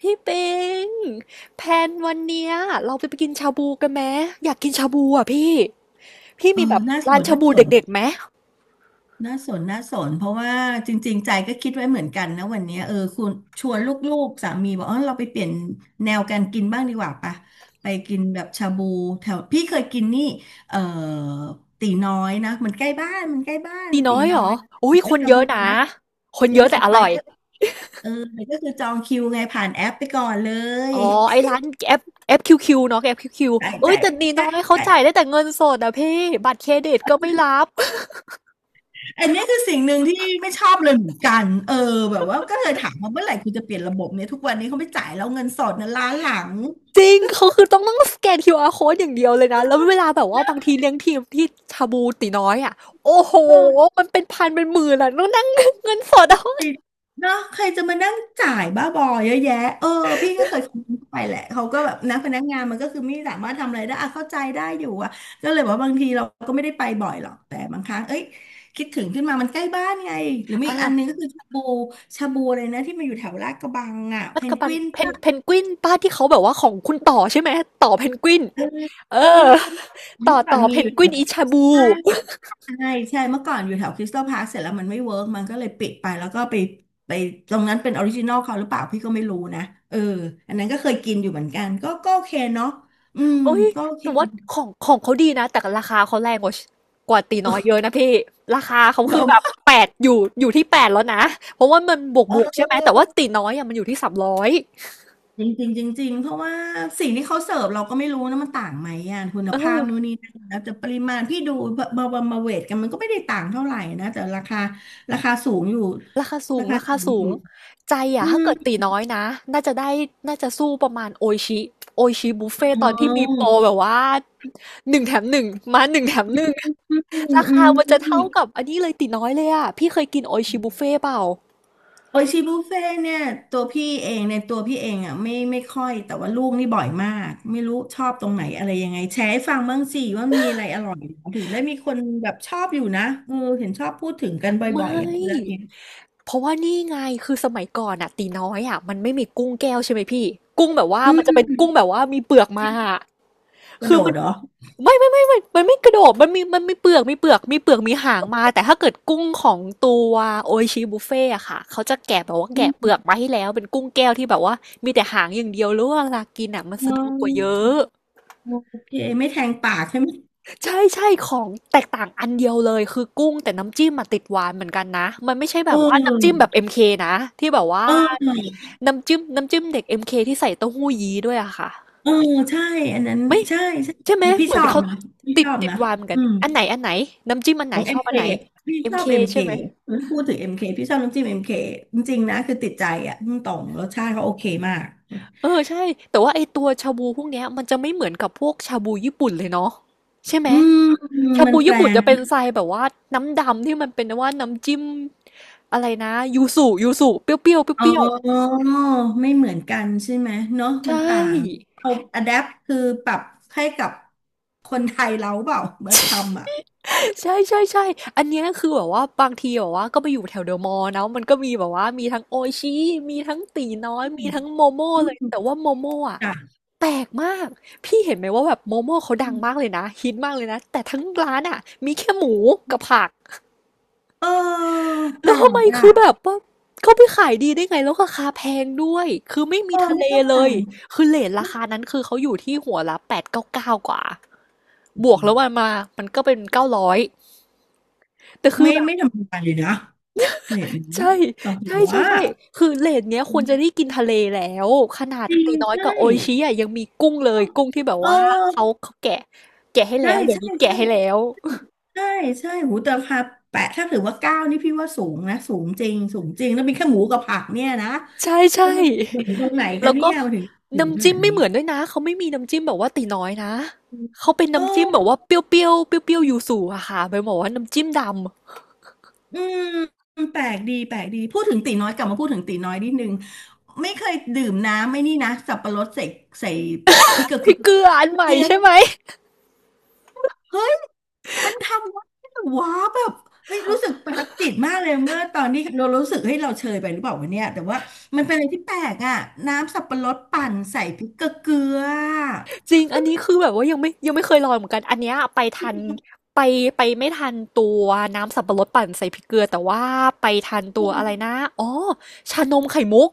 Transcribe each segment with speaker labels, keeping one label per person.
Speaker 1: พี่ปิงแพลนวันเนี้ยเราไปกินชาบูกันไหมอยากกินชาบูอ่ะพี่พี่
Speaker 2: เออ
Speaker 1: มีแบบ
Speaker 2: น่าส
Speaker 1: ร้าน
Speaker 2: น
Speaker 1: ชา
Speaker 2: น่า
Speaker 1: บู
Speaker 2: สน
Speaker 1: เด็กๆไหม
Speaker 2: น่าสนน่าสนเพราะว่าจริงๆใจก็คิดไว้เหมือนกันนะวันเนี้ยเออคุณชวนลูกๆสามีบอกอ๋อเราไปเปลี่ยนแนวการกินบ้างดีกว่าปะไปกินแบบชาบูแถวพี่เคยกินนี่เออตีน้อยนะมันใกล้บ้านมันใกล้บ้าน
Speaker 1: ตี
Speaker 2: ตี
Speaker 1: น้อยเห
Speaker 2: น้
Speaker 1: ร
Speaker 2: อ
Speaker 1: อ
Speaker 2: ย
Speaker 1: อุ้ยคน
Speaker 2: ชา
Speaker 1: เย
Speaker 2: บู
Speaker 1: อะนะ
Speaker 2: นะ
Speaker 1: คน
Speaker 2: เย
Speaker 1: เย
Speaker 2: อะ
Speaker 1: อะแต่
Speaker 2: แต่
Speaker 1: อ
Speaker 2: ไป
Speaker 1: ร่อย
Speaker 2: ก็เออแต่ก็คือจองคิวไงผ่านแอปไปก่อนเลย
Speaker 1: อ๋อไอ้ร้าน F เอฟคิวคิวเนาะ FQQ เอ้ย
Speaker 2: จ่าย
Speaker 1: แต่ตี
Speaker 2: จ่า
Speaker 1: น้อ
Speaker 2: ย
Speaker 1: ยเขา
Speaker 2: จ่าย
Speaker 1: จ่ายได้แต่เงินสดอ่ะพี่บัตรเครดิตก็ไม่รับ
Speaker 2: อันนี้คือสิ่งหนึ่งที่ไม่ชอบเลยเหมือนกันเออแบบว่าก็เลยถามว่าเมื่อไหร่คุณจะเปลี่ยนระบบเนี่ยทุกวันนี้เขาไม่จ่ายแล้วเงินสดเนะล้านหลัง
Speaker 1: จริงเขาคือต้องสแกน QR code อย่างเดียวเลยนะแล้วเวลาแบบว่าบางทีเลี้ยงทีมที่ชาบูตีน้อยอ่ะโอ้โห
Speaker 2: เออ
Speaker 1: มันเป็นพันเป็นหมื่นอ่ะต้องนั่ง เงินสดเอา
Speaker 2: เนาะใครจะมานั่งจ่ายบ้าบอเยอะแยะเออพี่ก็เคยคอมเมนต์ไปแหละเขาก็แบบนะพนักงานมันก็คือไม่สามารถทำอะไรได้อะเข้าใจได้อยู่อะก็เลยบอกว่าบางทีเราก็ไม่ได้ไปบ่อยหรอกแต่บางครั้งเอ้ยคิดถึงขึ้นมามันใกล้บ้านไงหรือ มี
Speaker 1: อ่ะ
Speaker 2: อีกอันหนึงก็คือชาบูเลยนะที่มันอยู่แถวลาดกระบังอะ
Speaker 1: มั
Speaker 2: เพ
Speaker 1: จ
Speaker 2: น
Speaker 1: จุ
Speaker 2: ก
Speaker 1: บัน
Speaker 2: วิน
Speaker 1: เพนกวินป้าที่เขาแบบว่าของคุณต่อใช่ไหมต่อเพนกวิน
Speaker 2: เออ
Speaker 1: เอ
Speaker 2: เออ
Speaker 1: อ
Speaker 2: เมื่
Speaker 1: ต่อ
Speaker 2: อก่อน
Speaker 1: ต่อ
Speaker 2: มี
Speaker 1: เพ
Speaker 2: อ
Speaker 1: น
Speaker 2: ยู่
Speaker 1: ก
Speaker 2: แถ
Speaker 1: วิน
Speaker 2: ว
Speaker 1: อิชาบู
Speaker 2: ใช่ใช่ใช่เมื่อก่อนอยู่แถวคริสตัลพาร์คเสร็จแล้วมันไม่เวิร์กมันก็เลยปิดไปแล้วก็ไปไปตรงนั้นเป็นออริจินอลเขาหรือเปล่าพี่ก็ไม่รู้นะเอออันนั้นก็เคยกินอยู่เหมือนกันก็โอเคเนาะอืม
Speaker 1: โอ้ย
Speaker 2: ก็โอเค
Speaker 1: แต่ว่าของเขาดีนะแต่ราคาเขาแรงกว่ากว่าตีน้อยเยอะนะพี่ราคาเขาคื
Speaker 2: เดิ
Speaker 1: อ
Speaker 2: ม
Speaker 1: แบบแปดอยู่ที่แปดแล้วนะเพราะว่ามันบวก
Speaker 2: เอ
Speaker 1: บวกใช่ไหมแต่ว่า
Speaker 2: อ
Speaker 1: ตีน้อยอะมันอยู่ที่สามร้อย
Speaker 2: จริงจริงจริงๆเพราะว่าสิ่งที่เขาเสิร์ฟเราก็ไม่รู้นะมันต่างไหมอ่ะคุณ
Speaker 1: เอ
Speaker 2: ภาพ
Speaker 1: อ
Speaker 2: นู่นนี่นั่นแล้วแต่ปริมาณพี่ดูมาเวทกันมันก็ไม่ได้ต่างเท่าไหร่นะแต่ราคาราคาสูงอยู่
Speaker 1: ราคาสูงราคาสูงใจอะ
Speaker 2: อื
Speaker 1: ถ้าเกิด
Speaker 2: ม
Speaker 1: ตีน้อยนะน่าจะได้น่าจะสู้ประมาณโอชิโอชิบุฟเฟ่ต
Speaker 2: อ๋
Speaker 1: อนที่มีโปร
Speaker 2: อ
Speaker 1: แบบว่าหนึ่งแถมหนึ่งมาหนึ่งแถมหนึ่ง
Speaker 2: อืมอื
Speaker 1: ราคา
Speaker 2: ม
Speaker 1: มันจะ
Speaker 2: อื
Speaker 1: เท่า
Speaker 2: ม
Speaker 1: กับอันนี้เลยตีน้อยเลยอะพี่เคยกินโอชิบุฟเฟ่เปล่า
Speaker 2: โออิชิบุฟเฟ่ต์เนี่ยตัวพี่เองในตัวพี่เองอ่ะไม่ค่อยแต่ว่าลูกนี่บ่อยมากไม่รู้ชอบตรงไหนอะไรยังไงแชร์ให้ฟังบ้างสิว่ามีอะไรอร่อยถึงได้มีคนแบบชอบอยู่นะเออเห็นชอบพูดถึงกันบ
Speaker 1: ไม่
Speaker 2: ่อยๆอ่ะเรื่องเนี้ย
Speaker 1: เพราะว่านี่ไงคือสมัยก่อนอะตีน้อยอะมันไม่มีกุ้งแก้วใช่ไหมพี่กุ้งแบบว่า
Speaker 2: อื
Speaker 1: มันจะเป็
Speaker 2: ม
Speaker 1: นกุ้งแบบว่ามีเปลือกมาอะ
Speaker 2: กระ
Speaker 1: คื
Speaker 2: โด
Speaker 1: อมั
Speaker 2: ด
Speaker 1: น
Speaker 2: เหรอ
Speaker 1: ไม่มันไม่กระโดดมันมีเปลือกมีเปลือกมีหางมาแต่ถ้าเกิดกุ้งของตัวโออิชิบุฟเฟ่อะค่ะเขาจะแกะแบบว่า
Speaker 2: อื
Speaker 1: แกะเปลื
Speaker 2: ม
Speaker 1: อกมาให้แล้วเป็นกุ้งแก้วที่แบบว่ามีแต่หางอย่างเดียวแล้วเวลากินอะมัน
Speaker 2: อ๋
Speaker 1: สะดวกกว่าเยอ
Speaker 2: อ
Speaker 1: ะ
Speaker 2: โอเคไม่แทงปากใช่ไหม
Speaker 1: ใช่ใช่ของแตกต่างอันเดียวเลยคือกุ้งแต่น้ำจิ้มมาติดหวานเหมือนกันนะมันไม่ใช่
Speaker 2: เ
Speaker 1: แบบว่าน้ำจิ้มแบ
Speaker 2: ออ
Speaker 1: บ m คนะที่แบบว่า
Speaker 2: เออ
Speaker 1: น้ำจิ้มเด็กเอ็มเคที่ใส่เต้าหู้ยี้ด้วยอะค่ะ
Speaker 2: เออใช่อันนั้น
Speaker 1: ไม่
Speaker 2: ใช่ใช่
Speaker 1: ใช่ไหม
Speaker 2: พี่
Speaker 1: เหมื
Speaker 2: ช
Speaker 1: อน
Speaker 2: อบ
Speaker 1: เขา
Speaker 2: นะพี่
Speaker 1: ติด
Speaker 2: ชอบ
Speaker 1: ติด
Speaker 2: นะ
Speaker 1: วารเหมือนกั
Speaker 2: อื
Speaker 1: น
Speaker 2: ม
Speaker 1: อันไหนน้ำจิ้มอันไห
Speaker 2: ข
Speaker 1: น
Speaker 2: อง
Speaker 1: ช
Speaker 2: เอ็
Speaker 1: อ
Speaker 2: ม
Speaker 1: บ
Speaker 2: เค
Speaker 1: อันไหน
Speaker 2: พี่
Speaker 1: เอ็
Speaker 2: ช
Speaker 1: ม
Speaker 2: อ
Speaker 1: เค
Speaker 2: บเอ็มเค
Speaker 1: ใช่ไหม
Speaker 2: พูดถึงเอ็มเคพี่ชอบน้ำจิ้มเอ็มเคจริงๆนะคือติดใจอ่ะพุ่งตรงรสชาติเขาโอเคมาก
Speaker 1: เออใช่แต่ว่าไอตัวชาบูพวกเนี้ยมันจะไม่เหมือนกับพวกชาบูญี่ปุ่นเลยเนาะใช่ไหม
Speaker 2: อืม
Speaker 1: ชา
Speaker 2: มั
Speaker 1: บู
Speaker 2: นแปล
Speaker 1: ญี่ปุ่น
Speaker 2: ง
Speaker 1: จะเป็นทรายแบบว่าน้ำดำที่มันเป็นว่าน้ำจิ้มอะไรนะยูสุเปรี้ยวเปรี้ยว
Speaker 2: อ๋อ
Speaker 1: เปรี้ยว
Speaker 2: ไม่เหมือนกันใช่ไหมเนาะ
Speaker 1: ๆใช
Speaker 2: มันต่าง
Speaker 1: ่
Speaker 2: เอาอะแดปคือปรับให้กับคนไทยเราเปล่าเมื่อทำอ่ะ
Speaker 1: ใช่อันเนี้ยคือแบบว่าบางทีแบบว่าก็ไปอยู่แถวเดอะมอลล์นะมันก็มีแบบว่ามีทั้งโออิชิมีทั้งตีน้อย
Speaker 2: อื
Speaker 1: มี
Speaker 2: ม
Speaker 1: ทั้งโมโม่
Speaker 2: อ
Speaker 1: เลย
Speaker 2: ืม
Speaker 1: แต่ว่าโมโม่อะ
Speaker 2: จ้ะ
Speaker 1: แปลกมาก พี่เห็นไหมว่าแบบโมโม่เขาดั
Speaker 2: อื
Speaker 1: งมาก
Speaker 2: ม
Speaker 1: เลยนะฮิตมากเลยนะแต่ทั้งร้านอะมีแค่หมูกับผัก
Speaker 2: เออแป
Speaker 1: แล้
Speaker 2: ล
Speaker 1: วทำไม
Speaker 2: กอ่ะ
Speaker 1: คือแบบว่าเขาไปขายดีได้ไงแล้วราคาแพงด้วยคือไม่
Speaker 2: เอ
Speaker 1: มี
Speaker 2: อ
Speaker 1: ทะ
Speaker 2: ไม่
Speaker 1: เล
Speaker 2: เข้าใจ
Speaker 1: เลยคือเรตราคานั้นคือเขาอยู่ที่หัวละ899กาเก้ากว่า บวกแล้วมันมามันก็เป็น900แต่คือ
Speaker 2: ไม่
Speaker 1: แบบ
Speaker 2: ไม่ธรรมดาเลยนะเห็นไหม
Speaker 1: ใช่
Speaker 2: แบบ
Speaker 1: ใช่ใช่
Speaker 2: ว่า
Speaker 1: ใช่คือเรตเนี้ยควรจะได้กินทะเลแล้วขนาด
Speaker 2: จริง
Speaker 1: ตีน้อย
Speaker 2: ใช่
Speaker 1: กับโออิชิอะยังมีกุ้งเลยกุ้งที่แบบ
Speaker 2: เ
Speaker 1: ว่าเขา
Speaker 2: ออ
Speaker 1: เขาแกะแกะให้แล้
Speaker 2: ใช่
Speaker 1: วเดี๋ยวนี้
Speaker 2: ใช่
Speaker 1: แกะ
Speaker 2: ใช่
Speaker 1: ให้แล้ว
Speaker 2: ใช่ ใช่ หูแต่ราคาแปะถ้าถือว่าเก้านี่พี่ว่าสูงนะ สูงจริง สูงจริง แล้วมีแค่หมูกับผักเนี่ยนะ
Speaker 1: ใช่
Speaker 2: แล้วมันเด่นตรงไหนคะ
Speaker 1: แล้ว
Speaker 2: เนี่
Speaker 1: ก็
Speaker 2: ยมันถึงถึงข
Speaker 1: น้ำจิ้
Speaker 2: นา
Speaker 1: ม
Speaker 2: ด
Speaker 1: ไม่
Speaker 2: นี้
Speaker 1: เหมือนด้วยนะเขาไม่มีน้ำจิ้มแบบว่าตีน้อยนะเขาเป็นน้ำจิ้มแบบ
Speaker 2: เออ
Speaker 1: ว่าเปรี้ยวๆเปรี้ยวๆยูสุอะค่ะไปบอกว่าน้ำจิ้มดำ
Speaker 2: อืม แปลกดีแปลกดี พูดถึงตีน้อยกลับมาพูดถึงตีน้อยนิดนึงไม่เคยดื่มน้ำไม่นี่นะสับปะรดใส่ใส่พริกเกลือ
Speaker 1: พ
Speaker 2: เค
Speaker 1: ริกเกลืออันใหม่
Speaker 2: ็ม
Speaker 1: ใช่ไหม
Speaker 2: เฮ้ยมันทำได้เหรอวะแบบไม่รู้สึกประทับจิตมากเลยเมื่อตอนนี้เรารู้สึกเฮ้ยเราเชยไปหรือเปล่าวะเนี่ยแต่ว่ามันเป็นอะไรที่แปลกอ่ะน้ำสับปะรดปั่นใส่พริกเกลือ
Speaker 1: จริงอันนี้คือแบบว่ายังไม่ยังไม่เคยลองเหมือนกันอันเนี้ยไปทันไปไปไม่ทันตัวน้ำสับปะรดปั่นใส่พริกเกลือแต่ว่าไปทันตัวอะไรนะอ๋อชานมไข่มุก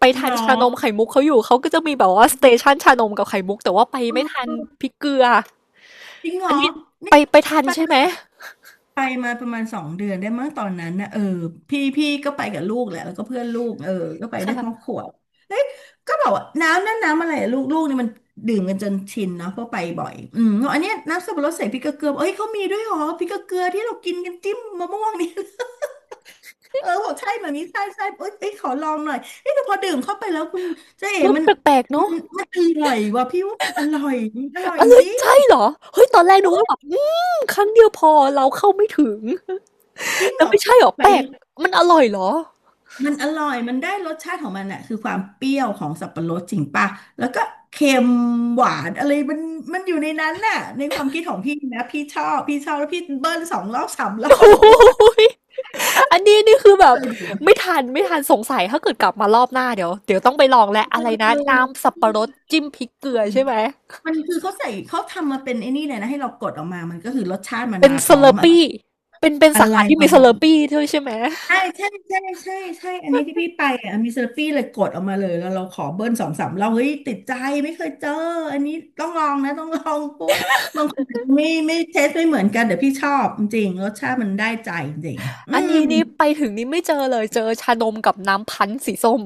Speaker 1: ไป
Speaker 2: ห
Speaker 1: ทั
Speaker 2: ร
Speaker 1: น
Speaker 2: อ
Speaker 1: ชานมไข่มุกเขาอยู่เขาก็จะมีแบบว่าสเตชันชานมกับไข่มุกแต่ว่าไป
Speaker 2: เ
Speaker 1: ไม่ทัน
Speaker 2: ออ
Speaker 1: พริกเกลือ
Speaker 2: จริงเหร
Speaker 1: อั
Speaker 2: อ
Speaker 1: นนี้ไป
Speaker 2: นี่
Speaker 1: ไปทัน
Speaker 2: ปั่
Speaker 1: ใช่ไหม
Speaker 2: น ไปมาประมาณ2 เดือนได้มั้งตอนนั้นนะเออพี่ก็ไปกับลูกแหละแล้วก็เพื่อนลูกเออก็ไปได้ค
Speaker 1: ค่ะ
Speaker 2: รอบครัวเอ้ยก็บอกว่าน้ำนั่นน้ำอะไรอะลูกนี่มันดื่มกันจนชินเนาะเพราะไปบ่อยอืมบอกอันเนี้ยน้ำสับปะรดใส่พริกเกลือบอกเอ้ยเขามีด้วยเหรอพริกเกลือที่เรากินกันจิ้มมะม่วงนี่ เออบอกใช่แบบนี้ใช่ใช่เอ้ยขอลองหน่อยเอ้ยแต่พอดื่มเข้าไปแล้วคุณเจ๊เอ๋
Speaker 1: รส
Speaker 2: มัน
Speaker 1: แปลกๆ
Speaker 2: มั
Speaker 1: เนาะ
Speaker 2: นมันอร่อยว่ะพี่ว่ามันอร่อยมันอร่อย
Speaker 1: อะ
Speaker 2: จ
Speaker 1: ไร
Speaker 2: ริง
Speaker 1: ใช่
Speaker 2: จ
Speaker 1: เหรอเฮ้ยตอนแรกนึกว่าแบบอืมครั้งเดียวพอเราเข้าไม่ถึง
Speaker 2: ริง
Speaker 1: แต่
Speaker 2: เหรอ
Speaker 1: ไม่ใช่เหรอ
Speaker 2: ไป
Speaker 1: แปลกมันอร่อยเหรอ
Speaker 2: มันอร่อยมันได้รสชาติของมันอะคือความเปรี้ยวของสับปะรดจริงป่ะแล้วก็เค็มหวานอะไรมันมันอยู่ในนั้นน่ะในความคิดของพี่นะพี่ชอบแล้วพี่เบิ้ลสองรอบสามรอ
Speaker 1: โอ้
Speaker 2: บโอ้โหตาย
Speaker 1: ยอันนี้นี่คือแบบ
Speaker 2: เลย
Speaker 1: ไม่ทันสงสัยถ้าเกิดกลับมารอบหน้าเดี๋ยวต้องไปลองแหละอะไร
Speaker 2: เอ
Speaker 1: นะน้ำ
Speaker 2: อ
Speaker 1: สับปะรดจิ้มพริกเกลือใช่ไหม
Speaker 2: มันคือเขาใส่เขาทำมาเป็นไอ้นี่เลยนะให้เรากดออกมามันก็คือรสชาติมัน
Speaker 1: เป็น
Speaker 2: มาพ
Speaker 1: ส
Speaker 2: ร้
Speaker 1: เล
Speaker 2: อ
Speaker 1: อ
Speaker 2: ม
Speaker 1: ร์
Speaker 2: อะ
Speaker 1: ปี้เป็น
Speaker 2: อะ
Speaker 1: สา
Speaker 2: ไร
Speaker 1: ขาที่
Speaker 2: ป
Speaker 1: มี
Speaker 2: ระ
Speaker 1: ส
Speaker 2: มา
Speaker 1: เลอร์
Speaker 2: ณ
Speaker 1: ปี้ด้วยใช่ไหม
Speaker 2: ใช่ใช่ใช่ใช่ใช่อันนี้ที่พี่ไปอ่ะมีเซอร์ฟี่เลยกดออกมาเลยแล้วเราขอเบิ้ลสองสามเราเฮ้ยติดใจไม่เคยเจออันนี้ต้องลองนะต้องลองเพราะว่าบางคนอาจจะไม่เทสไม่เหมือนกันแต่พี่ชอบจริงๆรสชาติมันได้ใจจริงๆอื
Speaker 1: อัน
Speaker 2: ม
Speaker 1: นี้นี่ไปถึงนี่ไม่เจอเลยเจอชานมกับน้ำพันธุ์สีส้ม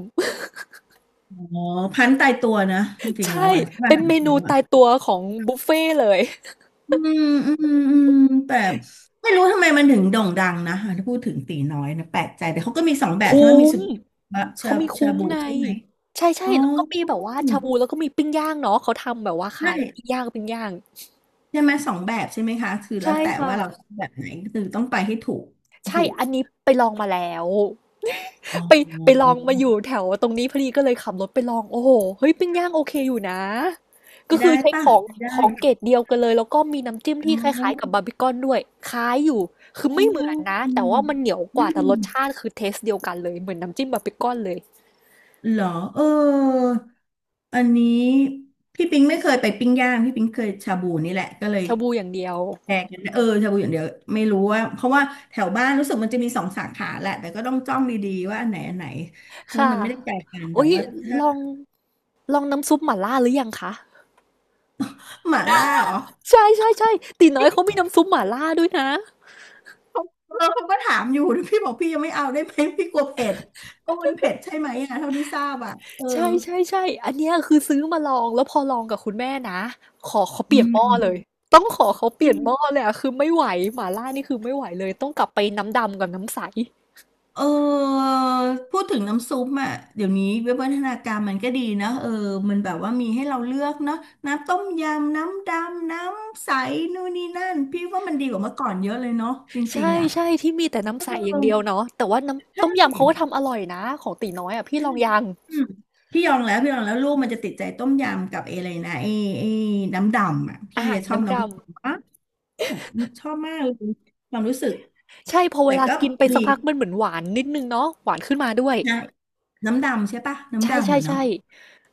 Speaker 2: อ๋อพันตายตัวนะจ ริงๆแล้ว
Speaker 1: ใช่
Speaker 2: อ่ะใช่ป่ะ
Speaker 1: เป็นเม
Speaker 2: แล้
Speaker 1: นู
Speaker 2: วอ่ะ
Speaker 1: ตายตัวของบุฟเฟ่ต์เลย
Speaker 2: อืมอืมแต่ไม่รู้ทำไมมันถึงโด่งดังนะถ้าพูดถึงตีน้อยนะแปลกใจแต่เขาก็มีสองแบบ
Speaker 1: คุ้
Speaker 2: ใช่ไหมมี
Speaker 1: ม
Speaker 2: สุดชา
Speaker 1: เขามี
Speaker 2: ชา
Speaker 1: คุ้ม
Speaker 2: บู
Speaker 1: ไง
Speaker 2: ใช่ไหม
Speaker 1: ใช่ใช่
Speaker 2: อ๋อ
Speaker 1: แล้วก็มีแบบว่าชาบูแล้วก็มีปิ้งย่างเนาะเขาทำแบบว่าขา
Speaker 2: ใช่
Speaker 1: ยปิ้งย่างปิ้งย่าง
Speaker 2: ใช่ไหมสองแบบใช่ไหมคะคือแล้ว
Speaker 1: ใช่
Speaker 2: แต่
Speaker 1: ค่ะ
Speaker 2: ว่าเราชอบแบบไหนคือต้องไปให้ถูก
Speaker 1: ใช่
Speaker 2: ถูก
Speaker 1: อันนี้ไปลองมาแล้ว
Speaker 2: อ๋อ
Speaker 1: ไปไปลองมาอยู่แถวตรงนี้พอดีก็เลยขับรถไปลองโอ้โฮเฮ้ยปิ้งย่างโอเคอยู่นะ
Speaker 2: ไม
Speaker 1: ก็
Speaker 2: ได้
Speaker 1: คือใช้
Speaker 2: ป่ะ
Speaker 1: ของ
Speaker 2: ไมได้
Speaker 1: ของเกรดเดียวกันเลย แล้วก็มีน้ำจิ้ม
Speaker 2: อ๋
Speaker 1: ที่
Speaker 2: อ
Speaker 1: คล้ายๆกับบาร์บีคอนด้วยคล้ายอยู่คือ
Speaker 2: อ๋อ
Speaker 1: ไม่เหมือนนะ
Speaker 2: อื
Speaker 1: แต่
Speaker 2: ม
Speaker 1: ว่ามันเหนียวก
Speaker 2: อื
Speaker 1: ว่าแต่
Speaker 2: ม
Speaker 1: รสชาติคือเทสต์เดียวกันเลยเหมือนน้ำจิ้มบาร์บีคอนเลย
Speaker 2: เหรอเอออันนี้พี่ปิงไม่เคยไปปิ้งย่างพี่ปิงเคยชาบูนี่แหละก็เลย
Speaker 1: ชาบูอย่างเดียว
Speaker 2: แชร์กันเออชาบูอย่างเดียวไม่รู้ว่าเพราะว่าแถวบ้านรู้สึกมันจะมีสองสาขาแหละแต่ก็ต้องจ้องดีๆว่าอันไหนอันไหนเพราะว่า
Speaker 1: ค่ะ
Speaker 2: มันไม่ได้ไกลกันแต่
Speaker 1: อุ๊ย
Speaker 2: ว่าถ้า
Speaker 1: ลองลองน้ำซุปหม่าล่าหรือยังคะ
Speaker 2: หม่าล่าเหรอ
Speaker 1: ใช่ๆๆตี๋น้อยเขามีน้ำซุปหม่าล่าด้วยนะ
Speaker 2: เออเขาก็ถามอยู่พี่บอกพี่ยังไม่เอาได้ไหมพี่กลัวเผ็ดก็มันเผ็ดใช่ไหมอ่ะเท่าที่ทราบอ่ะเออ
Speaker 1: ใช่ๆ่ใช่อันเนี้ยคือซื้อมาลองแล้วพอลองกับคุณแม่นะขอเขาเป
Speaker 2: อื
Speaker 1: ลี่ยนห
Speaker 2: ม
Speaker 1: ม้อเลยต้องขอเขาเป
Speaker 2: อื
Speaker 1: ลี่ยน
Speaker 2: ม
Speaker 1: หม้อเลยอะคือไม่ไหวหม่าล่านี่คือไม่ไหวเลยต้องกลับไปน้ำดำกับน้ำใส
Speaker 2: เออพูดถึงน้ำซุปอ่ะเดี๋ยวนี้วิวัฒนาการมันก็ดีนะเออมันแบบว่ามีให้เราเลือกเนาะน้ำต้มยำ น้ำดำน้ำใสนู่นนี่นั่นพี่ว่ามันดีกว่าเมื่อก่อนเยอะเลยเนาะจริง
Speaker 1: ใช่
Speaker 2: ๆอ่ะ
Speaker 1: ใช่ที่มีแต่
Speaker 2: เอ
Speaker 1: น้ำใสอย่า
Speaker 2: อ
Speaker 1: งเดียวเนาะแต่ว่า
Speaker 2: ใช
Speaker 1: น้ำต้มยำ
Speaker 2: ่
Speaker 1: เขาก็ทำอร่อยนะของตีน้อยอะพี่ลองยัง
Speaker 2: อืมพี่ยองแล้วพี่ยองแล้วลูกมันจะติดใจต้มยำกับไออะไรนะไอไอน้ำดำอ่ะพี่
Speaker 1: อา
Speaker 2: ชอบ
Speaker 1: น้ำด
Speaker 2: น้ำดำ ค่ะชอบมากเลยความรู้สึก
Speaker 1: ำใช่พอเว
Speaker 2: แต่
Speaker 1: ลา
Speaker 2: ก็
Speaker 1: กินไป
Speaker 2: ดี
Speaker 1: สักพักมันเหมือนหวานนิดหนึ่งเนาะหวานขึ้นมาด้วย
Speaker 2: นะน้ำดำใช่ปะน้ำ
Speaker 1: ใช่
Speaker 2: ดำ
Speaker 1: ใช่
Speaker 2: เหมือนเนาะ
Speaker 1: ใช่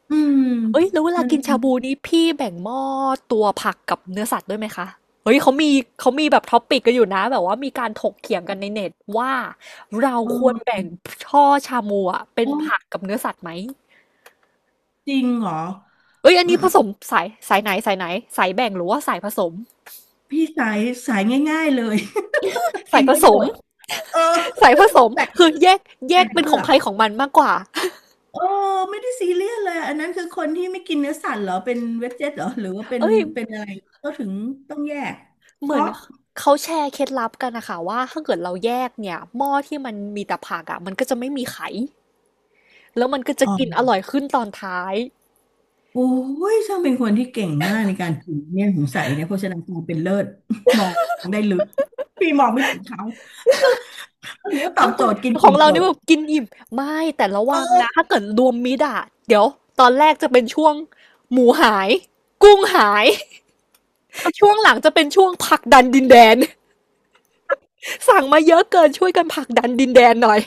Speaker 2: อืม
Speaker 1: เอ้ยแล้วเวลา
Speaker 2: มัน
Speaker 1: กินชาบูนี้พี่แบ่งหม้อตัวผักกับเนื้อสัตว์ด้วยไหมคะเฮ้ยเขามีเขามีแบบท็อปปิกกันอยู่นะแบบว่ามีการถกเถียงกันในเน็ตว่าเรา
Speaker 2: เ
Speaker 1: ควรแบ่
Speaker 2: ออ
Speaker 1: งช่อชามูอะเป็น
Speaker 2: โอ้
Speaker 1: ผักกับเนื้อสัตว์ไหม
Speaker 2: จริงเหรอ
Speaker 1: เอ้ยอัน
Speaker 2: อื
Speaker 1: นี้ผ
Speaker 2: ม
Speaker 1: สมสายสายไหนสายไหนสายแบ่งหรือว่าสายผสม
Speaker 2: พี่สายง่ายๆเลย
Speaker 1: สา
Speaker 2: กิ
Speaker 1: ย
Speaker 2: น
Speaker 1: ผ
Speaker 2: ได้
Speaker 1: ส
Speaker 2: หม
Speaker 1: ม
Speaker 2: ดเออ
Speaker 1: สายผสม
Speaker 2: แบ่ง
Speaker 1: คือแยกแย
Speaker 2: แบ่
Speaker 1: ก
Speaker 2: ง
Speaker 1: เป็น
Speaker 2: เพื่
Speaker 1: ข
Speaker 2: อ
Speaker 1: อง
Speaker 2: ก
Speaker 1: ใครของมันมากกว่า
Speaker 2: เออไม่ได้ซีเรียสเลยอันนั้นคือคนที่ไม่กินเนื้อสัตว์เหรอเป็นเวจเจตเหรอหรือว่าเป็ น
Speaker 1: เอ้ย
Speaker 2: เป็นอะไรก็ถึงต้องแยก
Speaker 1: เห
Speaker 2: เพ
Speaker 1: มือน
Speaker 2: ราะ
Speaker 1: เขาแชร์เคล็ดลับกันนะคะว่าถ้าเกิดเราแยกเนี่ยหม้อที่มันมีแต่ผักอ่ะมันก็จะไม่มีไข แล้วมันก็จะ
Speaker 2: อ๋
Speaker 1: กิน
Speaker 2: อ
Speaker 1: อร่อยขึ้นตอนท้าย
Speaker 2: โอ้ย ช่างเป็นคนที่เก่งมากในการถือเนี่ยสงสัยเนี่ยโภชนาการเป็นเลิศ มองได้ลึกพี่มองไม่ถึงเขา หรือว่าตอ
Speaker 1: บา
Speaker 2: บ
Speaker 1: งค
Speaker 2: โจ
Speaker 1: น
Speaker 2: ทย์กิน
Speaker 1: ของ
Speaker 2: อิ่ม
Speaker 1: เรา
Speaker 2: จ
Speaker 1: นี่
Speaker 2: บ
Speaker 1: แบบกินอิ่ม ไม่แต่ระ
Speaker 2: เอ
Speaker 1: วังนะ
Speaker 2: อ
Speaker 1: ถ้าเกิดรวมมิตรอะเดี๋ยวตอนแรกจะเป็นช่วงหมูหายกุ้งหาย ช่วงหลังจะเป็นช่วงผลักดันดินแดน สั่งมาเยอะเกินช่วยกันผลักดันดินแดนหน่อย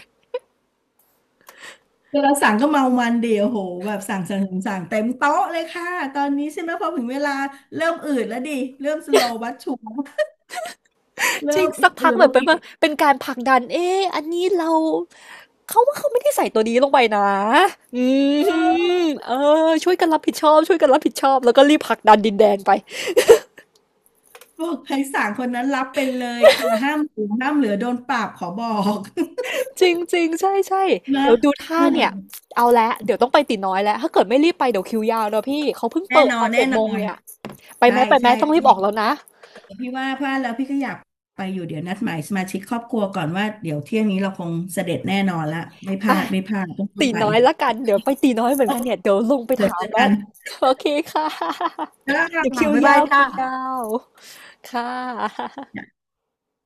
Speaker 2: เวลาสั่งก็เมามันเดียวโหแบบสั่งเต็มโต๊ะเลยค่ะ ตอนนี้ใช่ไหมพอถึงเวลาเริ่มอืดแล้วดิ เริ่มสโลว์บัสชู
Speaker 1: จริ
Speaker 2: เริ่
Speaker 1: ง
Speaker 2: มอื
Speaker 1: สัก
Speaker 2: ด
Speaker 1: พั
Speaker 2: ๆ
Speaker 1: กแบ
Speaker 2: แล้
Speaker 1: บ
Speaker 2: ว
Speaker 1: เป็น
Speaker 2: กิน
Speaker 1: ว่าเป็นการผลักดันเอ๊ะอันนี้เราเขาว่าเขาไม่ได้ใส่ตัวนี้ลงไปนะอื
Speaker 2: เออ
Speaker 1: มเออช่วยกันรับผิดชอบช่วยกันรับผิดชอบแล้วก็รีบผลักดันดินแดนไป
Speaker 2: บอกใครสั่งคนนั้นรับเป็นเลยค่ะห้ามเหลือห้ามเหลือโดนปรับขอบอก
Speaker 1: จริงจริงใช่ใช่
Speaker 2: นะ
Speaker 1: เดี๋ยวดูท่า
Speaker 2: เออ
Speaker 1: อืเนี่ยมเอาละเดี๋ยวต้องไปตีน้อยแล้วถ้าเกิดไม่รีบไปเดี๋ยวคิวยาวเนอะพี่เขาเพิ่งเปิ
Speaker 2: แน่
Speaker 1: ด
Speaker 2: นอ
Speaker 1: ตอ
Speaker 2: น
Speaker 1: น
Speaker 2: แน่
Speaker 1: เจ็ด
Speaker 2: น
Speaker 1: โมง
Speaker 2: อน
Speaker 1: เนี่ยไปไห
Speaker 2: ใช่
Speaker 1: มไปไหม
Speaker 2: ใช่
Speaker 1: ใช่ต้องรีบออกแล้วนะ
Speaker 2: พี่ว่าพลาดแล้วพี่ก็อยากไปอยู่เดี๋ยวนัดหมายสมาชิกครอบครัวก่อนว่าเดี๋ยวเที่ยงนี้เราคงเสด็จแน่นอนละไม่พ
Speaker 1: ไป
Speaker 2: ลาดไม่พลาดต้องรีบ
Speaker 1: ตี
Speaker 2: ไป
Speaker 1: น้อยละกันเดี๋ยวไปตีน้อยเหมือ
Speaker 2: โอ
Speaker 1: นกั
Speaker 2: เค
Speaker 1: นเนี่ยเดี๋ยวลงไป
Speaker 2: เดี๋ยว
Speaker 1: ถา
Speaker 2: เจ
Speaker 1: ม
Speaker 2: อ
Speaker 1: แล้
Speaker 2: กั
Speaker 1: ว
Speaker 2: น
Speaker 1: โอเคค่ะ
Speaker 2: จ้า
Speaker 1: เดี๋ยวคิว
Speaker 2: บ๊ายบา
Speaker 1: ยา
Speaker 2: ย
Speaker 1: ว
Speaker 2: จ้า
Speaker 1: คิวยาวค่ะ